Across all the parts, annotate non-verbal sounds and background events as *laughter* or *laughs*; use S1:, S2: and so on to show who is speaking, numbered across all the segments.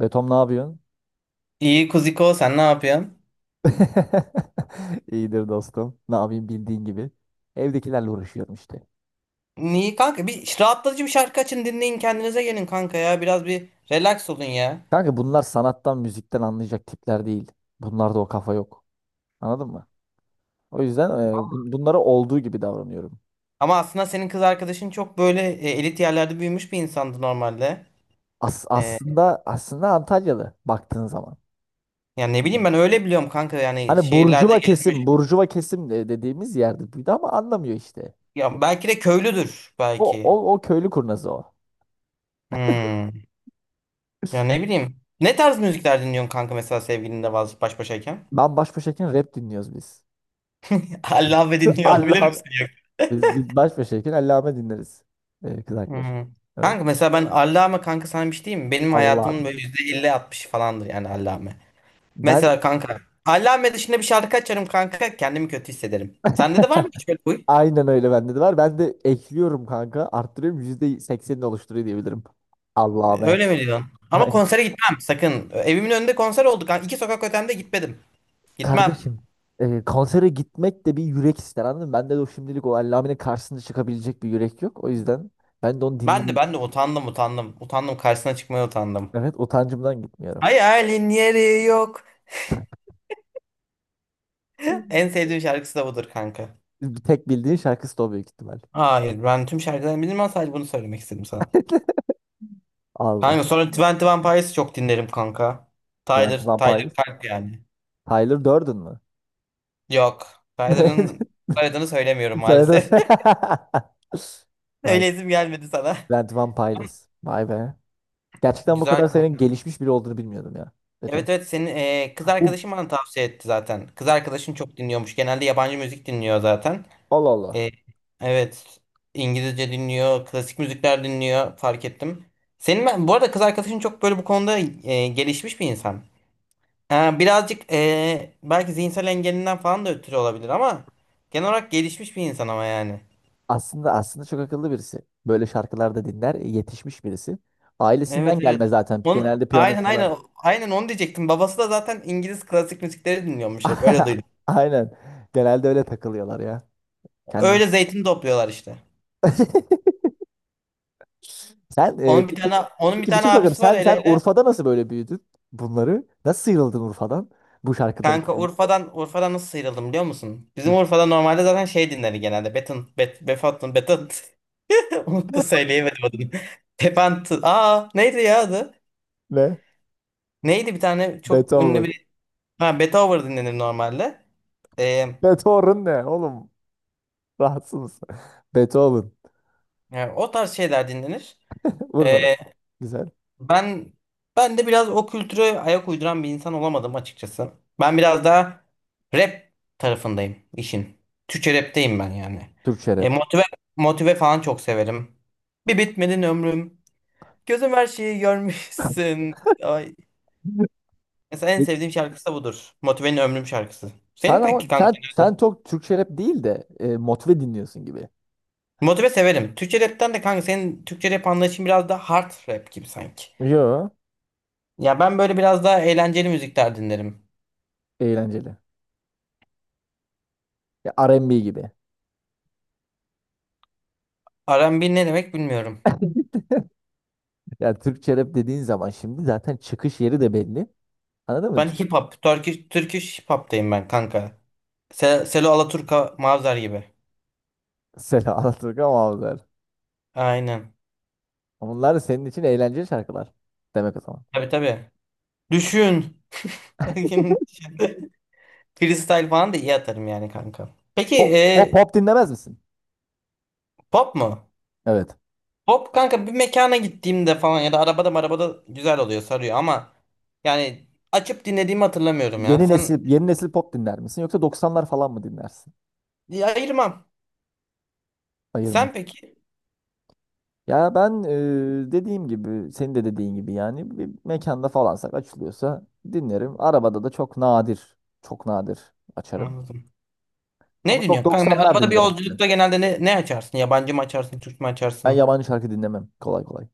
S1: Betom ne yapıyorsun?
S2: İyi Kuziko, sen ne yapıyorsun?
S1: *laughs* İyidir dostum. Ne yapayım bildiğin gibi. Evdekilerle uğraşıyorum işte.
S2: İyi kanka, rahatlatıcı bir şarkı açın, dinleyin, kendinize gelin kanka ya, biraz bir relax olun ya.
S1: Kanka bunlar sanattan, müzikten anlayacak tipler değil. Bunlarda o kafa yok. Anladın mı? O yüzden bunlara olduğu gibi davranıyorum.
S2: Ama aslında senin kız arkadaşın çok böyle elit yerlerde büyümüş bir insandı normalde.
S1: As
S2: E,
S1: aslında aslında Antalyalı baktığın zaman.
S2: Yani ne bileyim, ben öyle biliyorum kanka, yani
S1: Hani
S2: şehirlerde
S1: burjuva kesim,
S2: gezmiş.
S1: dediğimiz yerde büyüdü ama anlamıyor işte.
S2: Ya belki de köylüdür
S1: O,
S2: belki.
S1: o, o köylü kurnazı o.
S2: Hmm. Ya ne bileyim. Ne tarz müzikler dinliyorsun kanka, mesela sevgilinle baş başayken?
S1: Ben baş başayken rap dinliyoruz biz.
S2: *laughs* Allah, ve
S1: *laughs*
S2: dinliyor olabilir
S1: Allah'ım.
S2: misin?
S1: Biz baş başayken Allame dinleriz. Kız arkadaş.
S2: Hı.
S1: Evet.
S2: Kanka mesela ben Allame, kanka sana bir şey diyeyim mi? Benim hayatımın
S1: Allah'ım.
S2: böyle %50-60 falandır yani Allame.
S1: Ben
S2: Mesela kanka Allame dışında bir şarkı açarım kanka kendimi kötü hissederim. Sende de var mı hiç böyle huy?
S1: aynen öyle, bende de var. Ben de ekliyorum kanka. Arttırıyorum. %80'ini oluşturuyor diyebilirim. Allame.
S2: Öyle mi diyorsun? Ama
S1: Aynen.
S2: konsere gitmem sakın. Evimin önünde konser oldu kanka. İki sokak ötemde, gitmedim. Gitmem.
S1: Kardeşim. Konsere gitmek de bir yürek ister, anladın mı? Bende de o, şimdilik o Allame'nin karşısında çıkabilecek bir yürek yok. O yüzden ben de onu
S2: Ben de
S1: dinleyip
S2: ben de utandım utandım. Utandım, karşısına çıkmaya utandım.
S1: evet, utancımdan gitmiyorum.
S2: Hayalin yeri yok. En sevdiğim şarkısı da budur kanka.
S1: Bir tek bildiğin şarkısı da o büyük ihtimal.
S2: Hayır, ben tüm şarkılarını bilmem, sadece bunu söylemek istedim sana.
S1: *laughs* Allah.
S2: Kanka sonra Twenty One Pilots'ı çok dinlerim kanka.
S1: Twenty One
S2: Tyler
S1: Pilots.
S2: Kalp yani.
S1: Tyler Durden mı?
S2: Yok. Tyler'ın
S1: *laughs*
S2: soyadını söylemiyorum maalesef.
S1: Söyledin. *laughs*
S2: *laughs*
S1: Ay,
S2: Öyle isim gelmedi sana.
S1: Brent Van Piles. Vay be. Gerçekten bu
S2: Güzel
S1: kadar senin
S2: kanka.
S1: gelişmiş biri olduğunu bilmiyordum ya. Beto.
S2: Evet evet, senin kız
S1: Bu
S2: arkadaşın bana tavsiye etti zaten. Kız arkadaşın çok dinliyormuş. Genelde yabancı müzik dinliyor zaten.
S1: Allah Allah.
S2: E, evet. İngilizce dinliyor, klasik müzikler dinliyor, fark ettim. Senin ben bu arada kız arkadaşın çok böyle bu konuda gelişmiş bir insan. Ha, birazcık belki zihinsel engelinden falan da ötürü olabilir ama genel olarak gelişmiş bir insan ama yani.
S1: Aslında çok akıllı birisi. Böyle şarkılarda dinler, yetişmiş birisi. Ailesinden
S2: Evet
S1: gelme
S2: evet.
S1: zaten.
S2: Onun,
S1: Genelde piyano
S2: aynen
S1: çalar.
S2: aynen aynen onu diyecektim. Babası da zaten İngiliz klasik müzikleri dinliyormuş, hep öyle duydum.
S1: *laughs* Aynen. Genelde öyle takılıyorlar ya. Kendi.
S2: Öyle zeytin topluyorlar işte.
S1: *laughs* Sen e, peki
S2: Onun bir
S1: peki bir
S2: tane
S1: şey soracağım.
S2: abisi var,
S1: Sen
S2: ele
S1: sen
S2: ele.
S1: Urfa'da nasıl böyle büyüdün bunları? Nasıl sıyrıldın Urfa'dan bu şarkıları
S2: Kanka
S1: dinleyip?
S2: Urfa'dan nasıl sıyrıldım biliyor musun? Bizim
S1: Hı.
S2: Urfa'da normalde zaten şey dinleri genelde. Beton bet Befatın Beton *laughs* unuttu, söyleyemedim adını. *laughs* Tepant. Aa, neydi ya adı?
S1: Ne?
S2: Neydi, bir tane çok ünlü
S1: Beethoven.
S2: bir... Ha, Betover dinlenir normalde. Ee,
S1: Beethoven ne oğlum? Rahatsız mısın? *laughs* Beethoven.
S2: Yani o tarz şeyler dinlenir.
S1: Vur
S2: Ee,
S1: bana. Güzel.
S2: ben Ben de biraz o kültüre ayak uyduran bir insan olamadım açıkçası. Ben biraz daha rap tarafındayım işin. Türkçe rapteyim ben yani.
S1: Türkçe
S2: E,
S1: rap.
S2: motive Motive falan çok severim. Bir bitmedin ömrüm. Gözüm her şeyi görmüşsün. Ay, mesela en
S1: Peki.
S2: sevdiğim şarkısı da budur. Motive'nin Ömrüm şarkısı. Senin
S1: Sen
S2: peki
S1: ama
S2: kanka?
S1: sen sen çok Türkçe rap değil de motive dinliyorsun gibi.
S2: Motive severim. Türkçe rapten de kanka senin Türkçe rap anlayışın biraz da hard rap gibi sanki.
S1: Yo.
S2: Ya ben böyle biraz daha eğlenceli müzikler dinlerim.
S1: Eğlenceli. Ya R&B gibi.
S2: R&B ne demek bilmiyorum.
S1: *laughs* Ya Türkçe rap dediğin zaman şimdi zaten çıkış yeri de belli. Anladın mı?
S2: Ben
S1: Türk
S2: hip hop, Turkish hip hop'tayım ben kanka. Selo Alaturka, Mavzar gibi.
S1: Selam Alaturka Mavzer.
S2: Aynen.
S1: Onlar senin için eğlenceli şarkılar. Demek o zaman.
S2: Tabii tabii. Düşün. *laughs* Freestyle falan da iyi atarım yani kanka. Peki e,
S1: Pop dinlemez misin?
S2: Pop mu?
S1: Evet.
S2: Pop kanka bir mekana gittiğimde falan ya da arabada güzel oluyor, sarıyor ama yani açıp dinlediğimi hatırlamıyorum ya.
S1: Yeni
S2: Sen...
S1: nesil yeni nesil pop dinler misin, yoksa doksanlar falan mı dinlersin?
S2: Diye ayırmam.
S1: Ayırma.
S2: Sen peki?
S1: Ya ben dediğim gibi, senin de dediğin gibi, yani bir mekanda falansak açılıyorsa dinlerim. Arabada da çok nadir açarım.
S2: Anladım.
S1: Ama
S2: Ne
S1: çok
S2: dinliyorsun? Kanka,
S1: 90'lar
S2: arabada bir
S1: dinlerim işte.
S2: yolculukta genelde ne açarsın? Yabancı mı açarsın? Türk mü
S1: Ben
S2: açarsın?
S1: yabancı şarkı dinlemem kolay kolay.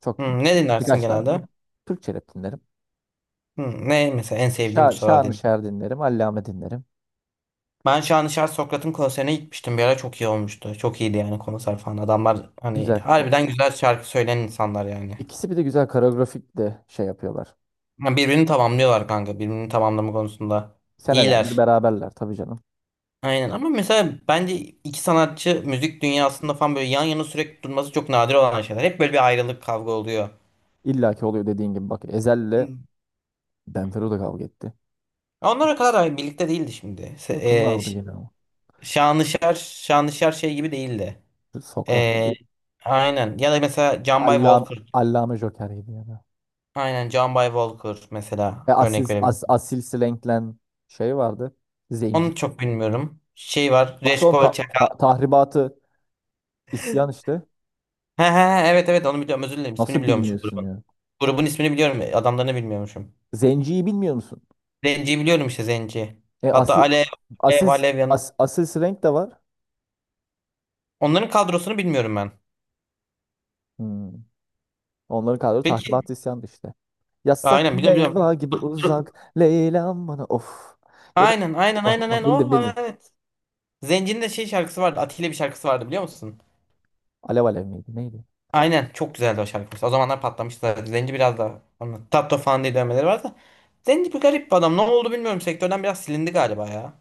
S1: Çok
S2: Hmm, ne dinlersin
S1: birkaç tane var.
S2: genelde?
S1: Türkçe rap dinlerim.
S2: Hmm, ne mesela en sevdiğin bu sıralar
S1: Şanlı
S2: din?
S1: Şer dinlerim, Allame dinlerim.
S2: Ben Şanışer Sokrat'ın konserine gitmiştim. Bir ara çok iyi olmuştu. Çok iyiydi yani konser falan. Adamlar hani
S1: Güzel. O,
S2: harbiden güzel şarkı söyleyen insanlar yani.
S1: ikisi bir de güzel koreografik de şey yapıyorlar.
S2: Ha, birbirini tamamlıyorlar kanka. Birbirini tamamlama konusunda.
S1: Senelerdir
S2: İyiler.
S1: beraberler tabii canım.
S2: Aynen ama mesela bence iki sanatçı müzik dünyasında falan böyle yan yana sürekli durması çok nadir olan şeyler. Hep böyle bir ayrılık, kavga oluyor.
S1: İlla ki oluyor dediğin gibi. Bak, Ezhel'le
S2: Hı.
S1: Benfero da kavga etti.
S2: Onlar kadar da birlikte değildi şimdi. E,
S1: Yakınlardı
S2: Ş-
S1: yine ama.
S2: Şanışer şey gibi değildi.
S1: Sokrat.
S2: E, aynen. Ya da mesela John By
S1: Allam
S2: Walker.
S1: Allame Joker'iydi ya da.
S2: Aynen, John By Walker mesela örnek verebilirim.
S1: Asil Slank'len şey vardı. Zenci.
S2: Onu çok bilmiyorum. Şey var.
S1: Nasıl oğlum,
S2: Reşko Çakal.
S1: tahribatı isyan işte.
S2: He he he, evet evet, onu biliyorum. Özür dilerim. İsmini
S1: Nasıl
S2: biliyormuşum
S1: bilmiyorsun
S2: grubun.
S1: ya?
S2: Grubun ismini biliyorum, adamlarını bilmiyormuşum.
S1: Zenciyi bilmiyor musun?
S2: Zenci'yi biliyorum işte, Zenci.
S1: E,
S2: Hatta
S1: asil asil
S2: Alev yanı.
S1: Asil Slank de var.
S2: Onların kadrosunu bilmiyorum ben.
S1: Hmm. Onların kadro
S2: Peki.
S1: tahribatı isyandı işte. Yasak
S2: Aynen, biliyorum biliyorum.
S1: meyve gibi uzak Leyla'm bana of. Göre
S2: Aynen aynen aynen
S1: bak,
S2: aynen. Oh,
S1: bildin
S2: evet.
S1: bildin.
S2: Evet. Zenci'nin de şey şarkısı vardı. Atilla bir şarkısı vardı, biliyor musun?
S1: Alev alev miydi neydi?
S2: Aynen çok güzeldi o şarkı mesela. O zamanlar patlamıştı zaten. Zenci biraz da onun Tatto falan diye dövmeleri var da. Zenci bir garip bir adam. Ne oldu bilmiyorum. Sektörden biraz silindi galiba ya.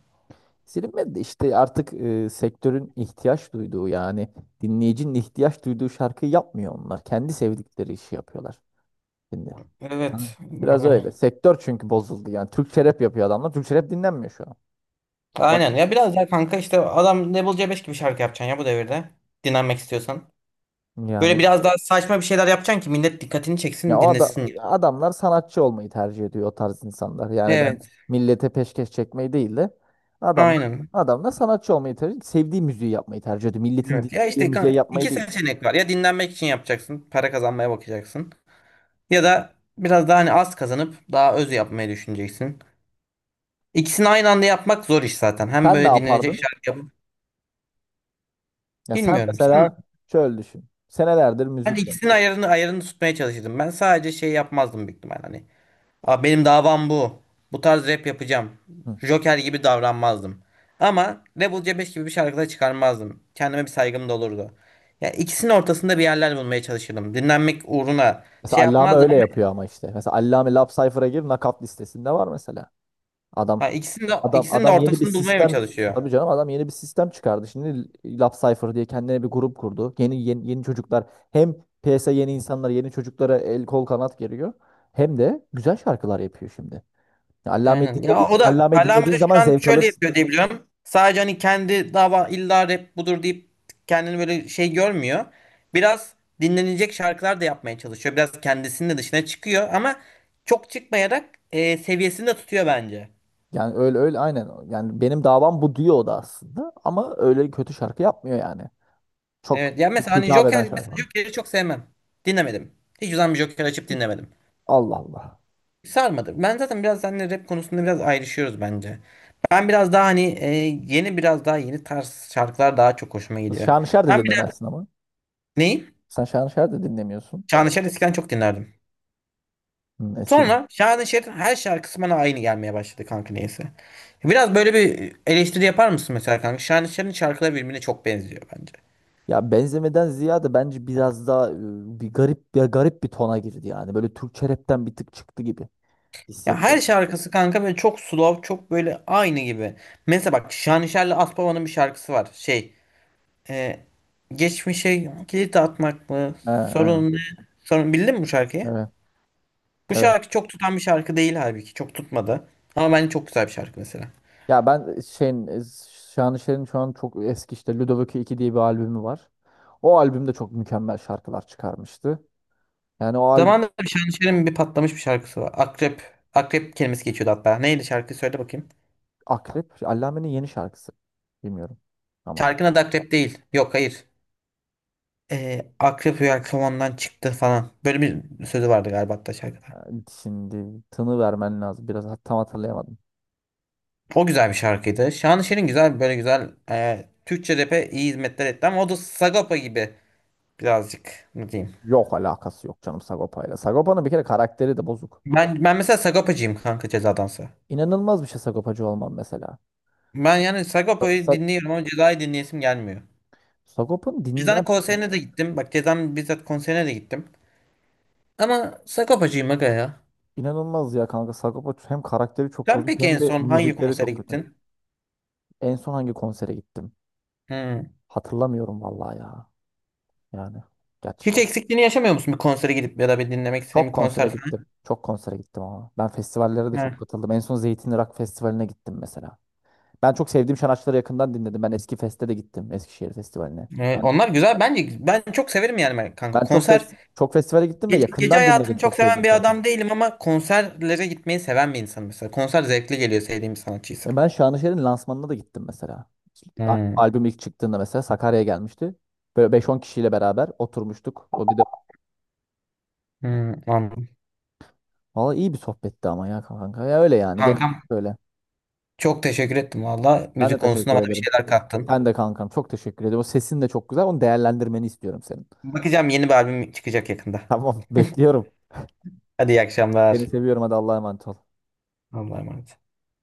S1: Silinmedi de işte artık sektörün ihtiyaç duyduğu, yani dinleyicinin ihtiyaç duyduğu şarkıyı yapmıyor onlar. Kendi sevdikleri işi yapıyorlar şimdi. Ha.
S2: Evet.
S1: Biraz
S2: Yani.
S1: öyle. Sektör çünkü bozuldu yani. Türkçe rap yapıyor adamlar. Türkçe rap dinlenmiyor şu an. Şu an
S2: Aynen ya, biraz daha kanka işte adam Level C5 gibi şarkı yapacaksın ya bu devirde. Dinlenmek istiyorsan.
S1: yani,
S2: Böyle biraz daha saçma bir şeyler yapacaksın ki millet dikkatini
S1: ya
S2: çeksin,
S1: o ada-
S2: dinlesin.
S1: adamlar sanatçı olmayı tercih ediyor, o tarz insanlar. Yani ben
S2: Evet.
S1: millete peşkeş çekmeyi değil de adamlar
S2: Aynen.
S1: adamlar sanatçı olmayı tercih, sevdiği müziği yapmayı tercih ediyor. Milletin
S2: Evet. Ya
S1: dinlediği
S2: işte
S1: müziği yapmayı
S2: iki
S1: değil.
S2: seçenek var. Ya dinlenmek için yapacaksın, para kazanmaya bakacaksın. Ya da biraz daha hani az kazanıp daha öz yapmayı düşüneceksin. İkisini aynı anda yapmak zor iş zaten. Hem
S1: Sen ne
S2: böyle dinlenecek
S1: yapardın?
S2: şarkı yapıp...
S1: Ya sen
S2: bilmiyorum.
S1: mesela şöyle düşün. Senelerdir müzik
S2: İkisinin
S1: yaptın.
S2: ayarını tutmaya çalışırdım. Ben sadece şey yapmazdım büyük ihtimal hani. Aa, benim davam bu. Bu tarz rap yapacağım.
S1: Hı.
S2: Joker gibi davranmazdım. Ama Rebel C5 gibi bir şarkı da çıkarmazdım. Kendime bir saygım da olurdu. Ya ikisinin ortasında bir yerler bulmaya çalışırdım. Dinlenmek uğruna
S1: Mesela
S2: şey
S1: Allame
S2: yapmazdım
S1: öyle
S2: ama...
S1: yapıyor ama işte. Mesela Allame Lap Cypher'a gir, nakat listesinde var mesela. Adam
S2: Ha,
S1: adam
S2: ikisinin de
S1: adam yeni bir
S2: ortasını bulmaya mı
S1: sistem,
S2: çalışıyor?
S1: tabii canım, adam yeni bir sistem çıkardı. Şimdi Lap Cypher diye kendine bir grup kurdu. Yeni çocuklar, hem piyasa yeni insanlar, yeni çocuklara el kol kanat geriyor. Hem de güzel şarkılar yapıyor şimdi. Ya
S2: Aynen. Ya o da
S1: Allame'yi
S2: Allame
S1: dinlediği
S2: de
S1: zaman
S2: şu an
S1: zevk
S2: şöyle
S1: alır.
S2: yapıyor diye biliyorum. Sadece hani kendi dava illa rap budur deyip kendini böyle şey görmüyor. Biraz dinlenecek şarkılar da yapmaya çalışıyor. Biraz kendisinin de dışına çıkıyor ama çok çıkmayarak seviyesini de tutuyor bence.
S1: Yani öyle öyle aynen. Yani benim davam bu diyor o da aslında. Ama öyle kötü şarkı yapmıyor yani. Çok
S2: Evet. Ya mesela hani
S1: hitap eden şarkı.
S2: Mesela Joker'i çok sevmem. Dinlemedim. Hiç zaman bir Joker açıp dinlemedim.
S1: Allah Allah.
S2: Sarmadı. Ben zaten biraz seninle rap konusunda biraz ayrışıyoruz bence. Ben biraz daha hani biraz daha yeni tarz şarkılar daha çok hoşuma gidiyor.
S1: Şanışer de
S2: Ben bir de...
S1: dinlemezsin ama.
S2: Neyi?
S1: Sen Şanışer de dinlemiyorsun.
S2: Şanışer eskiden çok dinlerdim.
S1: Hı, eskiden.
S2: Sonra Şanışer'in her şarkısı bana aynı gelmeye başladı kanka, neyse. Biraz böyle bir eleştiri yapar mısın mesela kanka? Şanışer'in şarkıları birbirine çok benziyor bence.
S1: Ya benzemeden ziyade bence biraz daha bir garip bir tona girdi yani. Böyle Türkçe rapten bir tık çıktı gibi
S2: Ya her
S1: hissediyorum.
S2: şarkısı kanka böyle çok slow, çok böyle aynı gibi. Mesela bak Şanışer'le Aspava'nın bir şarkısı var. E, Geçmişe kilit atmak mı?
S1: He, aynen.
S2: Sorun ne? Sorun, bildin mi bu şarkıyı?
S1: Evet.
S2: Bu
S1: Evet.
S2: şarkı çok tutan bir şarkı değil halbuki. Çok tutmadı. Ama bence çok güzel bir şarkı mesela.
S1: Ya ben Şanışer'in şu an çok eski işte Ludovico 2 diye bir albümü var. O albümde çok mükemmel şarkılar çıkarmıştı. Yani o albüm
S2: Zamanında bir Şanışer'in bir patlamış bir şarkısı var. Akrep. Akrep kelimesi geçiyordu hatta. Neydi şarkı, söyle bakayım.
S1: Akrep, Allame'nin yeni şarkısı. Bilmiyorum ama.
S2: Şarkının adı Akrep değil. Yok, hayır. Akrep rüya kovandan çıktı falan. Böyle bir sözü vardı galiba hatta şarkıda.
S1: Yani şimdi tını vermen lazım. Biraz tam hatırlayamadım.
S2: O güzel bir şarkıydı. Şanışer'in güzel böyle güzel Türkçe rap'e iyi hizmetler etti ama o da Sagopa gibi birazcık ne diyeyim.
S1: Yok, alakası yok canım Sagopa'yla. Sagopa'nın bir kere karakteri de bozuk.
S2: Ben mesela Sagopacıyım kanka, Ceza'dansa.
S1: İnanılmaz bir şey Sagopacı olmam mesela.
S2: Ben yani
S1: Sa
S2: Sagopa'yı
S1: Sa-
S2: dinliyorum ama Ceza'yı dinleyesim gelmiyor.
S1: Sagopa'nın din
S2: Ceza'nın
S1: ya,
S2: konserine de gittim. Bak, Ceza'nın bizzat konserine de gittim. Ama Sagopacıyım aga ya.
S1: inanılmaz ya kanka. Sagopa hem karakteri çok
S2: Sen
S1: bozuk,
S2: peki
S1: hem
S2: en
S1: de
S2: son hangi
S1: müzikleri
S2: konsere
S1: çok kötü.
S2: gittin?
S1: En son hangi konsere gittim?
S2: Hmm.
S1: Hatırlamıyorum vallahi ya. Yani
S2: Hiç
S1: gerçekten.
S2: eksikliğini yaşamıyor musun bir konsere gidip ya da bir dinlemek istediğin bir
S1: Çok konsere
S2: konser falan?
S1: gittim. Çok konsere gittim ama. Ben festivallere de çok
S2: Hmm.
S1: katıldım. En son Zeytinli Rock Festivali'ne gittim mesela. Ben çok sevdiğim sanatçıları yakından dinledim. Ben Eski Fest'e de gittim. Eskişehir Festivali'ne. Ben,
S2: Onlar güzel. Bence ben çok severim yani ben kanka.
S1: Ben
S2: Konser...
S1: çok festivale gittim ve
S2: gece
S1: yakından dinledim
S2: hayatını çok
S1: çok
S2: seven
S1: sevdiğim
S2: bir
S1: şarkıyı.
S2: adam değilim ama konserlere gitmeyi seven bir insan mesela. Konser zevkli geliyor sevdiğim bir sanatçıysa.
S1: Ben Şanışer'in lansmanına da gittim mesela.
S2: Hmm.
S1: Albüm ilk çıktığında mesela Sakarya'ya gelmişti. Böyle 5-10 kişiyle beraber oturmuştuk. O bir de
S2: Hmm, anladım.
S1: valla iyi bir sohbetti ama ya kanka. Ya öyle yani, gene
S2: Kankam
S1: böyle.
S2: çok teşekkür ettim valla.
S1: Ben de
S2: Müzik konusunda
S1: teşekkür
S2: bana bir
S1: ederim.
S2: şeyler kattın.
S1: Sen de kankam çok teşekkür ederim. O sesin de çok güzel. Onu değerlendirmeni istiyorum senin.
S2: Bakacağım, yeni bir albüm çıkacak yakında.
S1: Tamam, bekliyorum.
S2: Hadi, iyi
S1: Seni
S2: akşamlar.
S1: seviyorum, hadi Allah'a emanet ol.
S2: Allah'a emanet.